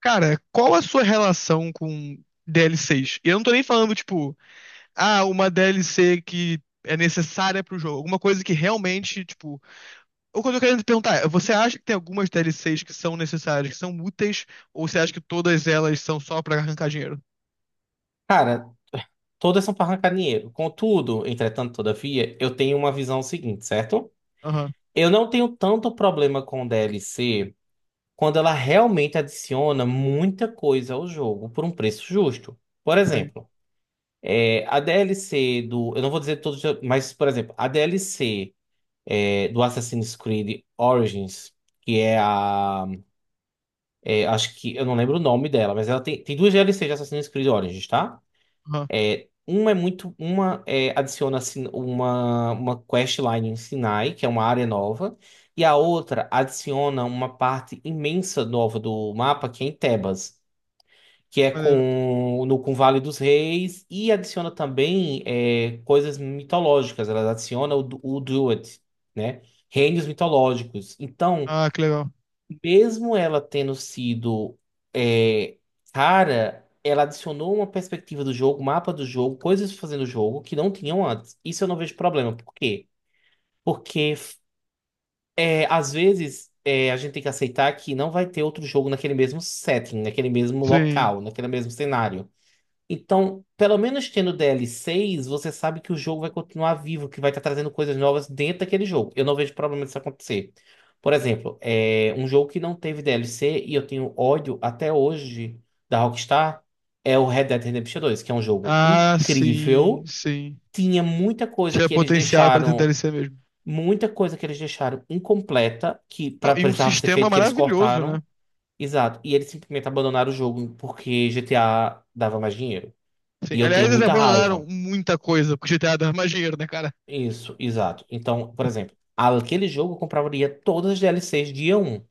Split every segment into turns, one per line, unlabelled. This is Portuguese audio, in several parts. Cara, qual a sua relação com DLCs? E eu não tô nem falando, tipo, ah, uma DLC que é necessária pro jogo. Alguma coisa que realmente, tipo. O que eu tô querendo te perguntar é: você acha que tem algumas DLCs que são necessárias, que são úteis, ou você acha que todas elas são só pra arrancar dinheiro?
Cara, todas são parrancarinheiro. Contudo, entretanto, todavia, eu tenho uma visão seguinte, certo?
Aham,
Eu não tenho tanto problema com DLC quando ela realmente adiciona muita coisa ao jogo por um preço justo. Por
sim.
exemplo, a DLC do. Eu não vou dizer todos, mas, por exemplo, a DLC do Assassin's Creed Origins, que é a. Acho que. Eu não lembro o nome dela, mas ela tem duas DLC de Assassin's Creed Origins, tá?
Aham,
Uma é muito. Adiciona uma questline em Sinai, que é uma área nova, e a outra adiciona uma parte imensa nova do mapa, que é em Tebas, que é
maneiro.
com, no, com o Vale dos Reis, e adiciona também coisas mitológicas. Ela adiciona o Duat, né? Reinos mitológicos. Então,
Ah, que legal.
mesmo ela tendo sido é, cara, ela adicionou uma perspectiva do jogo, mapa do jogo, coisas fazendo o jogo que não tinham antes. Isso eu não vejo problema. Por quê? Porque às vezes a gente tem que aceitar que não vai ter outro jogo naquele mesmo setting, naquele mesmo
Sim.
local, naquele mesmo cenário. Então, pelo menos tendo DL6, você sabe que o jogo vai continuar vivo, que vai estar trazendo coisas novas dentro daquele jogo. Eu não vejo problema disso acontecer. Por exemplo, é um jogo que não teve DLC e eu tenho ódio até hoje da Rockstar, é o Red Dead Redemption 2, que é um jogo
Ah, sim,
incrível.
sim.
Tinha muita coisa
Tinha
que eles
potencial pra ter
deixaram,
DLC mesmo.
muita coisa que eles deixaram incompleta, que
Não, e um
precisava ser
sistema
feito, que eles
maravilhoso, né?
cortaram. Exato. E eles simplesmente abandonaram o jogo porque GTA dava mais dinheiro.
Sim.
E eu
Aliás,
tenho
eles
muita
abandonaram
raiva.
muita coisa porque GTA dava mais dinheiro, né, cara?
Isso, exato. Então, por exemplo, aquele jogo eu compraria todas as DLCs dia um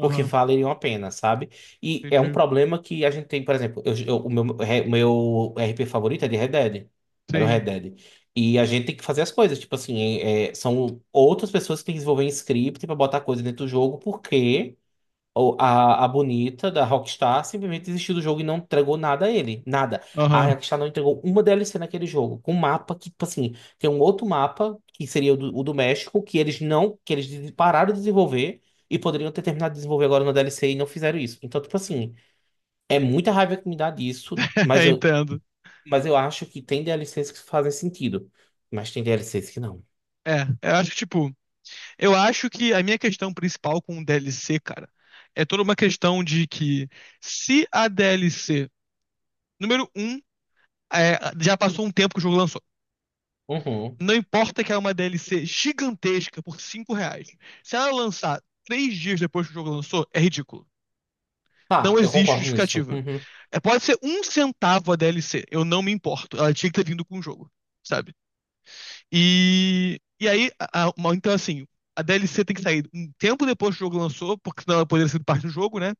porque valeriam a pena, sabe? E é um
entendi.
problema que a gente tem. Por exemplo, o meu RP favorito é de Red Dead. Era o Red
Sim.
Dead. E a gente tem que fazer as coisas, tipo assim, são outras pessoas que têm que desenvolver um script pra botar coisa dentro do jogo, porque ou A, a bonita da Rockstar simplesmente desistiu do jogo e não entregou nada a ele. Nada. A
Aham,
Rockstar não entregou uma DLC naquele jogo. Com um mapa que, tipo assim, tem um outro mapa, que seria o do México, que eles não. Que eles pararam de desenvolver e poderiam ter terminado de desenvolver agora na DLC e não fizeram isso. Então, tipo assim, é muita raiva que me dá disso, mas eu,
entendo.
mas eu acho que tem DLCs que fazem sentido. Mas tem DLCs que não.
É, eu acho que, tipo, eu acho que a minha questão principal com o DLC, cara, é toda uma questão de que se a DLC, número um, é, já passou um tempo que o jogo lançou.
Uhum.
Não importa que é uma DLC gigantesca por 5 reais. Se ela lançar três dias depois que o jogo lançou, é ridículo. Não
Tá, eu
existe
concordo nisso.
justificativa.
Uhum.
É, pode ser um centavo a DLC, eu não me importo. Ela tinha que ter vindo com o jogo, sabe? Então assim, a DLC tem que sair um tempo depois que o jogo lançou, porque senão ela poderia ser parte do jogo, né?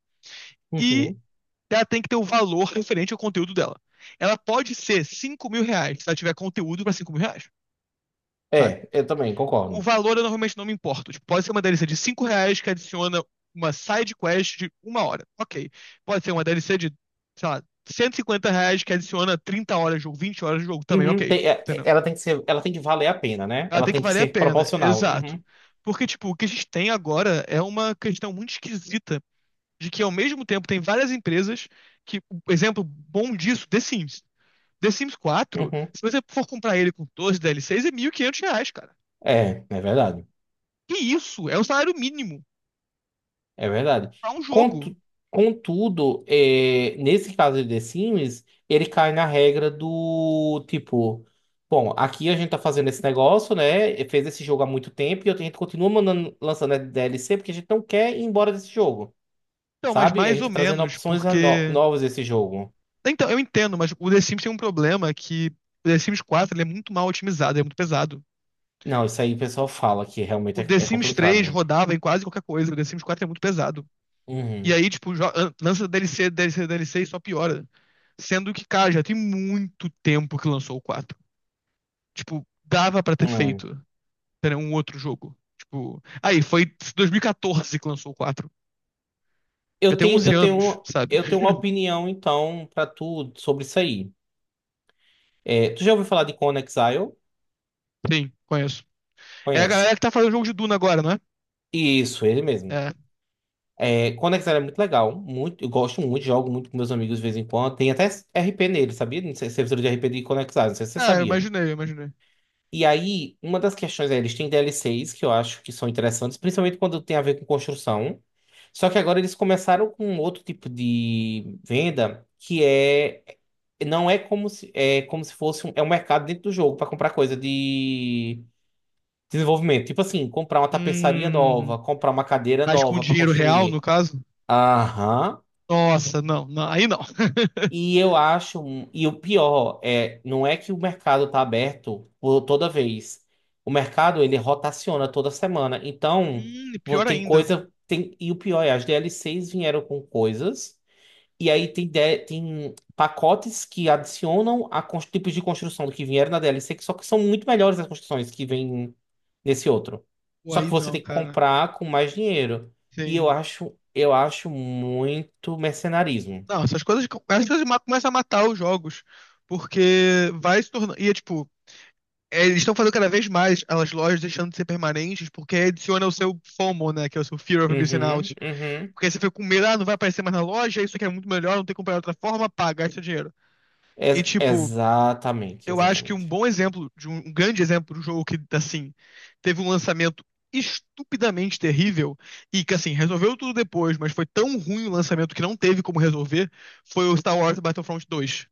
E
Uhum.
ela tem que ter o valor referente ao conteúdo dela. Ela pode ser 5 mil reais, se ela tiver conteúdo pra 5 mil reais, sabe?
É, eu também
O
concordo.
valor eu normalmente não me importo. Tipo, pode ser uma DLC de 5 reais que adiciona uma side quest de uma hora. Ok. Pode ser uma DLC de, sei lá, 150 reais que adiciona 30 horas de jogo, 20 horas de jogo também,
Uhum,
ok. Entendeu?
ela tem que valer a pena, né?
Ela
Ela
tem que
tem que
valer a
ser
pena.
proporcional.
Exato.
Uhum,
Porque, tipo, o que a gente tem agora é uma questão muito esquisita de que, ao mesmo tempo, tem várias empresas que, um exemplo bom disso, The Sims. The Sims quatro.
uhum.
Se você for comprar ele com 12 DLCs, é 1.500 reais, cara.
É, é verdade.
Que isso? É o salário mínimo
É verdade.
pra um jogo.
Contu- Contudo, nesse caso de The Sims, ele cai na regra do tipo, bom, aqui a gente tá fazendo esse negócio, né? E fez esse jogo há muito tempo e a gente continua mandando, lançando DLC porque a gente não quer ir embora desse jogo,
Então, mas
sabe? A
mais
gente
ou
tá trazendo
menos,
opções a no-
porque.
novas desse jogo.
Então, eu entendo, mas o The Sims tem um problema que o The Sims 4 ele é muito mal otimizado, ele é muito pesado.
Não, isso aí o pessoal fala que realmente
O
é,
The
é
Sims
complicado.
3
Né?
rodava em quase qualquer coisa, o The Sims 4 é muito pesado. E aí, tipo, lança DLC, DLC, DLC e só piora. Sendo que, cara, já tem muito tempo que lançou o 4. Tipo, dava pra ter
Uhum.
feito ter um outro jogo. Tipo, aí, foi 2014 que lançou o 4. Já
Eu
tem
tenho,
11
eu tenho,
anos,
uma,
sabe?
eu tenho uma opinião, então, pra tu sobre isso aí. É, tu já ouviu falar de Conan Exile?
Sim, conheço. É a galera
Conhece?
que tá fazendo o jogo de Duna agora, não é?
Isso, ele mesmo.
É.
É, Conan Exile é muito legal. Muito, eu gosto muito, jogo muito com meus amigos de vez em quando. Tem até RP nele, sabia? Não sei, servidor de RP de Conan Exile, não sei se você
Ah, eu
sabia.
imaginei, eu imaginei.
E aí, uma das questões é, eles têm DLCs que eu acho que são interessantes, principalmente quando tem a ver com construção. Só que agora eles começaram com um outro tipo de venda que não é como se fosse um mercado dentro do jogo para comprar coisa de desenvolvimento. Tipo assim, comprar uma tapeçaria
Hum,
nova, comprar uma cadeira
mas com
nova para
dinheiro real, no
construir.
caso?
Aham.
Nossa, não, não, aí não.
E eu acho, e o pior é, não é que o mercado está aberto por toda vez. O mercado ele rotaciona toda semana. Então,
Pior
tem
ainda.
coisa, tem, e o pior é, as DLCs vieram com coisas, e aí tem pacotes que adicionam tipos de construção do que vieram na DLC, que só que são muito melhores as construções que vêm nesse outro.
Pô,
Só
aí
que você
não,
tem que
cara.
comprar com mais dinheiro. E eu
Sim.
acho, eu acho muito mercenarismo.
Não, essas coisas começam a matar os jogos, porque vai se tornando. E é tipo, é, eles estão fazendo cada vez mais as lojas deixando de ser permanentes, porque adiciona o seu FOMO, né? Que é o seu Fear of Missing
Uhum,
Out.
uhum.
Porque você fica com medo, ah, não vai aparecer mais na loja, isso aqui é muito melhor, não tem que comprar de outra forma, paga, gasta dinheiro. E
Ex-
tipo,
exatamente,
eu acho que um
exatamente.
bom exemplo, de um, um grande exemplo de um jogo que, assim, teve um lançamento estupidamente terrível e que, assim, resolveu tudo depois, mas foi tão ruim o lançamento que não teve como resolver, foi o Star Wars Battlefront 2.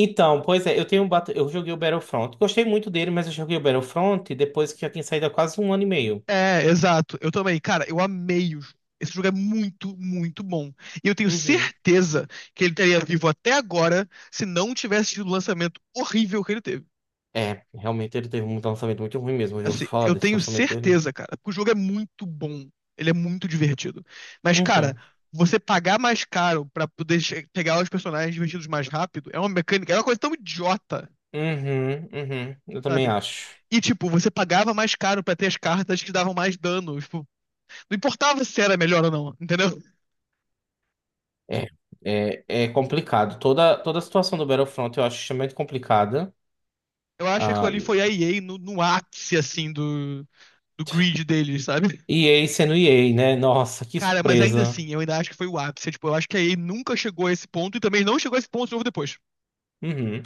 Então, pois é, eu joguei o Battlefront. Gostei muito dele, mas eu joguei o Battlefront depois que já tinha saído há quase um ano e meio.
É, exato. Eu também. Cara, eu amei o jogo. Esse jogo é muito, muito bom. E eu tenho
Uhum.
certeza que ele estaria vivo até agora se não tivesse tido o lançamento horrível que ele teve.
É, realmente ele teve um lançamento muito ruim mesmo. Eu já ouvi
Assim,
falar
eu
desse
tenho
lançamento dele.
certeza, cara, porque o jogo é muito bom. Ele é muito divertido. Mas, cara,
Uhum.
você pagar mais caro pra poder pegar os personagens divertidos mais rápido é uma mecânica, é uma coisa tão idiota,
Uhum, uhum. Eu também
sabe?
acho.
E, tipo, você pagava mais caro pra ter as cartas que davam mais dano. Tipo, não importava se era melhor ou não, entendeu?
É, é complicado. Toda a situação do Battlefront eu acho extremamente complicada.
Eu acho que aquilo
Ah,
ali foi a EA no, no ápice, assim, do, do grid deles, sabe?
EA sendo EA, né? Nossa, que
Cara, mas ainda
surpresa.
assim, eu ainda acho que foi o ápice. Tipo, eu acho que a EA nunca chegou a esse ponto e também não chegou a esse ponto de novo depois.
Uhum.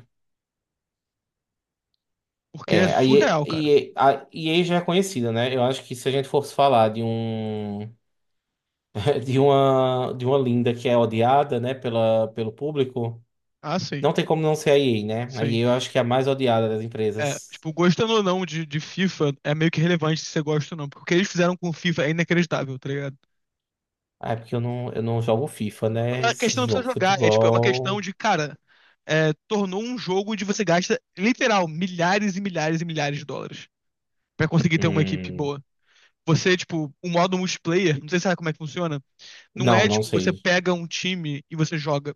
Porque é
É, a
surreal, cara.
e a a e EA já é conhecida, né? Eu acho que se a gente fosse falar de um de uma linda que é odiada, né, pela, pelo público,
Ah, sim,
não tem como não ser a EA, né? A
sim.
EA eu acho que é a mais odiada das
É,
empresas.
tipo, gostando ou não de, de FIFA, é meio que relevante se você gosta ou não, porque o que eles fizeram com o FIFA é inacreditável, tá ligado?
Ah, é porque eu não, jogo FIFA, né?
A questão
Esse
não precisa
jogo de
jogar, é tipo, é uma questão
futebol.
de, cara, é, tornou um jogo onde você gasta, literal, milhares e milhares e milhares de dólares pra conseguir ter uma equipe
Hum,
boa. Você, tipo, o modo multiplayer, não sei se sabe como é que funciona, não
não,
é,
não
tipo, você
sei.
pega um time e você joga.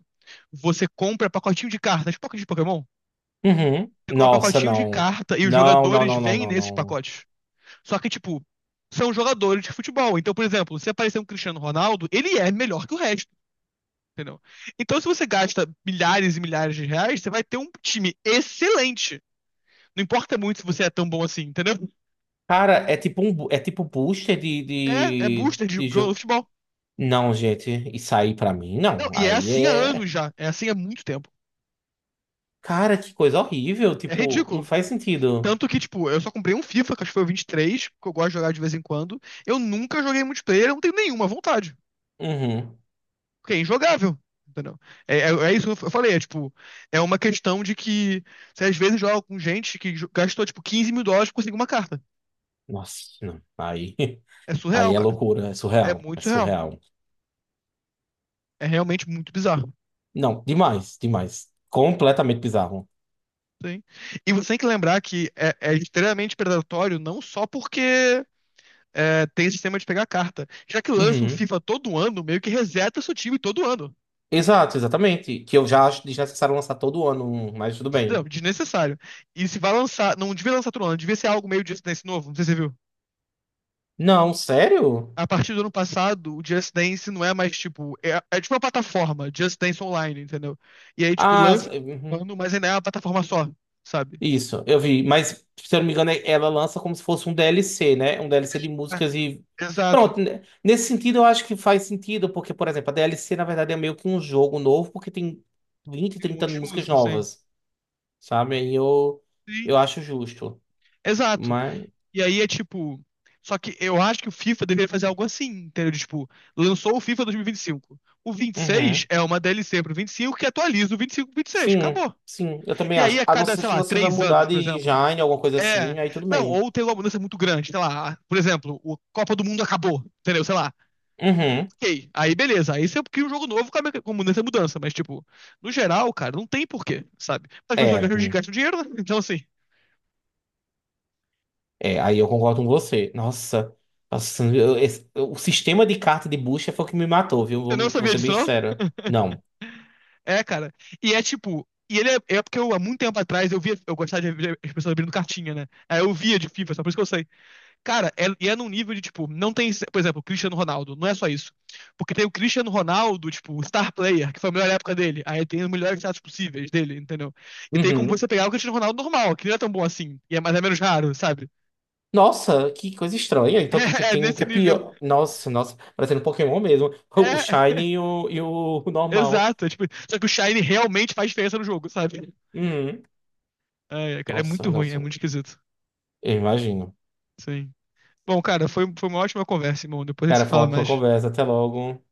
Você compra pacotinho de cartas, tipo pacote de Pokémon.
Uhum.
Você compra
Nossa,
pacotinho de
não.
carta e os
Não, não,
jogadores
não, não,
vêm
não,
nesses
não.
pacotes. Só que, tipo, são jogadores de futebol. Então, por exemplo, se aparecer um Cristiano Ronaldo, ele é melhor que o resto, entendeu? Então, se você gasta milhares e milhares de reais, você vai ter um time excelente. Não importa muito se você é tão bom assim, entendeu?
Cara, é tipo um booster de,
É, é
de,
booster de
de
jogador
jogo.
de futebol.
Não, gente, isso aí pra mim
Não,
não.
e é
Aí
assim há anos
é.
já. É assim há muito tempo.
Cara, que coisa horrível.
É
Tipo, não
ridículo.
faz sentido.
Tanto que, tipo, eu só comprei um FIFA, que acho que foi o 23 que eu gosto de jogar de vez em quando. Eu nunca joguei multiplayer, eu não tenho nenhuma vontade.
Uhum.
Porque é injogável. Entendeu? É, isso que eu falei, é tipo, é uma questão de que você às vezes joga com gente que gastou tipo 15 mil dólares pra conseguir uma carta.
Nossa, não. Aí,
É
aí
surreal,
é
cara.
loucura, é
É
surreal. É
muito surreal.
surreal.
É realmente muito bizarro.
Não, demais, demais. Completamente bizarro.
Sim. E você tem que lembrar que é, é extremamente predatório, não só porque é, tem sistema de pegar carta. Já que lança o
Uhum.
FIFA todo ano, meio que reseta seu time todo ano.
Exato, exatamente. Que eu já acho desnecessário lançar todo ano, mas tudo
Não,
bem.
desnecessário. E se vai lançar, não devia lançar todo ano, devia ser algo meio disso nesse novo, não sei se você viu.
Não, sério?
A partir do ano passado, o Just Dance não é mais tipo. É, é tipo uma plataforma, Just Dance Online, entendeu? E aí, tipo,
Ah,
lança um
uhum.
ano, mas ainda é uma plataforma só, sabe?
Isso, eu vi, mas se eu não me engano, ela lança como se fosse um DLC, né? Um DLC de
É,
músicas e.
exato.
Pronto, né? Nesse sentido eu acho que faz sentido, porque, por exemplo, a DLC na verdade é meio que um jogo novo, porque tem 20,
Tem um
30
monte de
músicas
música, assim.
novas, sabe? Aí eu,
Sim,
eu acho justo.
exato.
Mas.
E aí é tipo. Só que eu acho que o FIFA deveria fazer algo assim, entendeu? De, tipo, lançou o FIFA 2025. O
Uhum.
26 é uma DLC pro 25 que atualiza o 25 pro 26.
Sim,
Acabou.
sim, eu também
E aí,
acho.
a
A não
cada, sei
ser que
lá,
você vai
três
mudar
anos, por
de
exemplo,
genre, alguma coisa
é.
assim, aí tudo
Não,
bem.
ou tem uma mudança muito grande, sei lá. Por exemplo, o Copa do Mundo acabou, entendeu? Sei lá.
Uhum.
Ok, aí beleza. Aí você cria um jogo novo com a com mudança e mudança. Mas, tipo, no geral, cara, não tem porquê, sabe? As pessoas
É.
gastam,
Hum.
gastam dinheiro, né? Então, assim,
É, aí eu concordo com você. Nossa, nossa, o sistema de carta de bucha foi o que me matou, viu?
você não
Vou
sabia
ser
disso,
bem
não?
sincero. Não.
É, cara. E é tipo. E ele é, é porque eu, há muito tempo atrás, eu via. Eu gostava de ver as pessoas abrindo cartinha, né? Aí eu via de FIFA, só por isso que eu sei. Cara, é- e é num nível de, tipo, não tem, por exemplo, o Cristiano Ronaldo, não é só isso. Porque tem o Cristiano Ronaldo, tipo, star player, que foi a melhor época dele. Aí tem os melhores status possíveis dele, entendeu? E tem como
Uhum.
você pegar o Cristiano Ronaldo normal, que não é tão bom assim, e é mais ou menos raro, sabe?
Nossa, que coisa estranha. Então, tipo,
É, é
tem um que
nesse
é
nível.
pior. Nossa, nossa, parecendo um Pokémon mesmo. O
É,
Shiny e o normal.
exato. É tipo, só que o Shine realmente faz diferença no jogo, sabe?
Uhum.
É, é, cara, é muito
Nossa,
ruim, é
nossa,
muito
nossa.
esquisito.
Eu imagino.
Sim. Bom, cara, foi, foi uma ótima conversa, irmão. Depois a gente se
Cara, foi uma
fala
ótima
mais.
conversa. Até logo.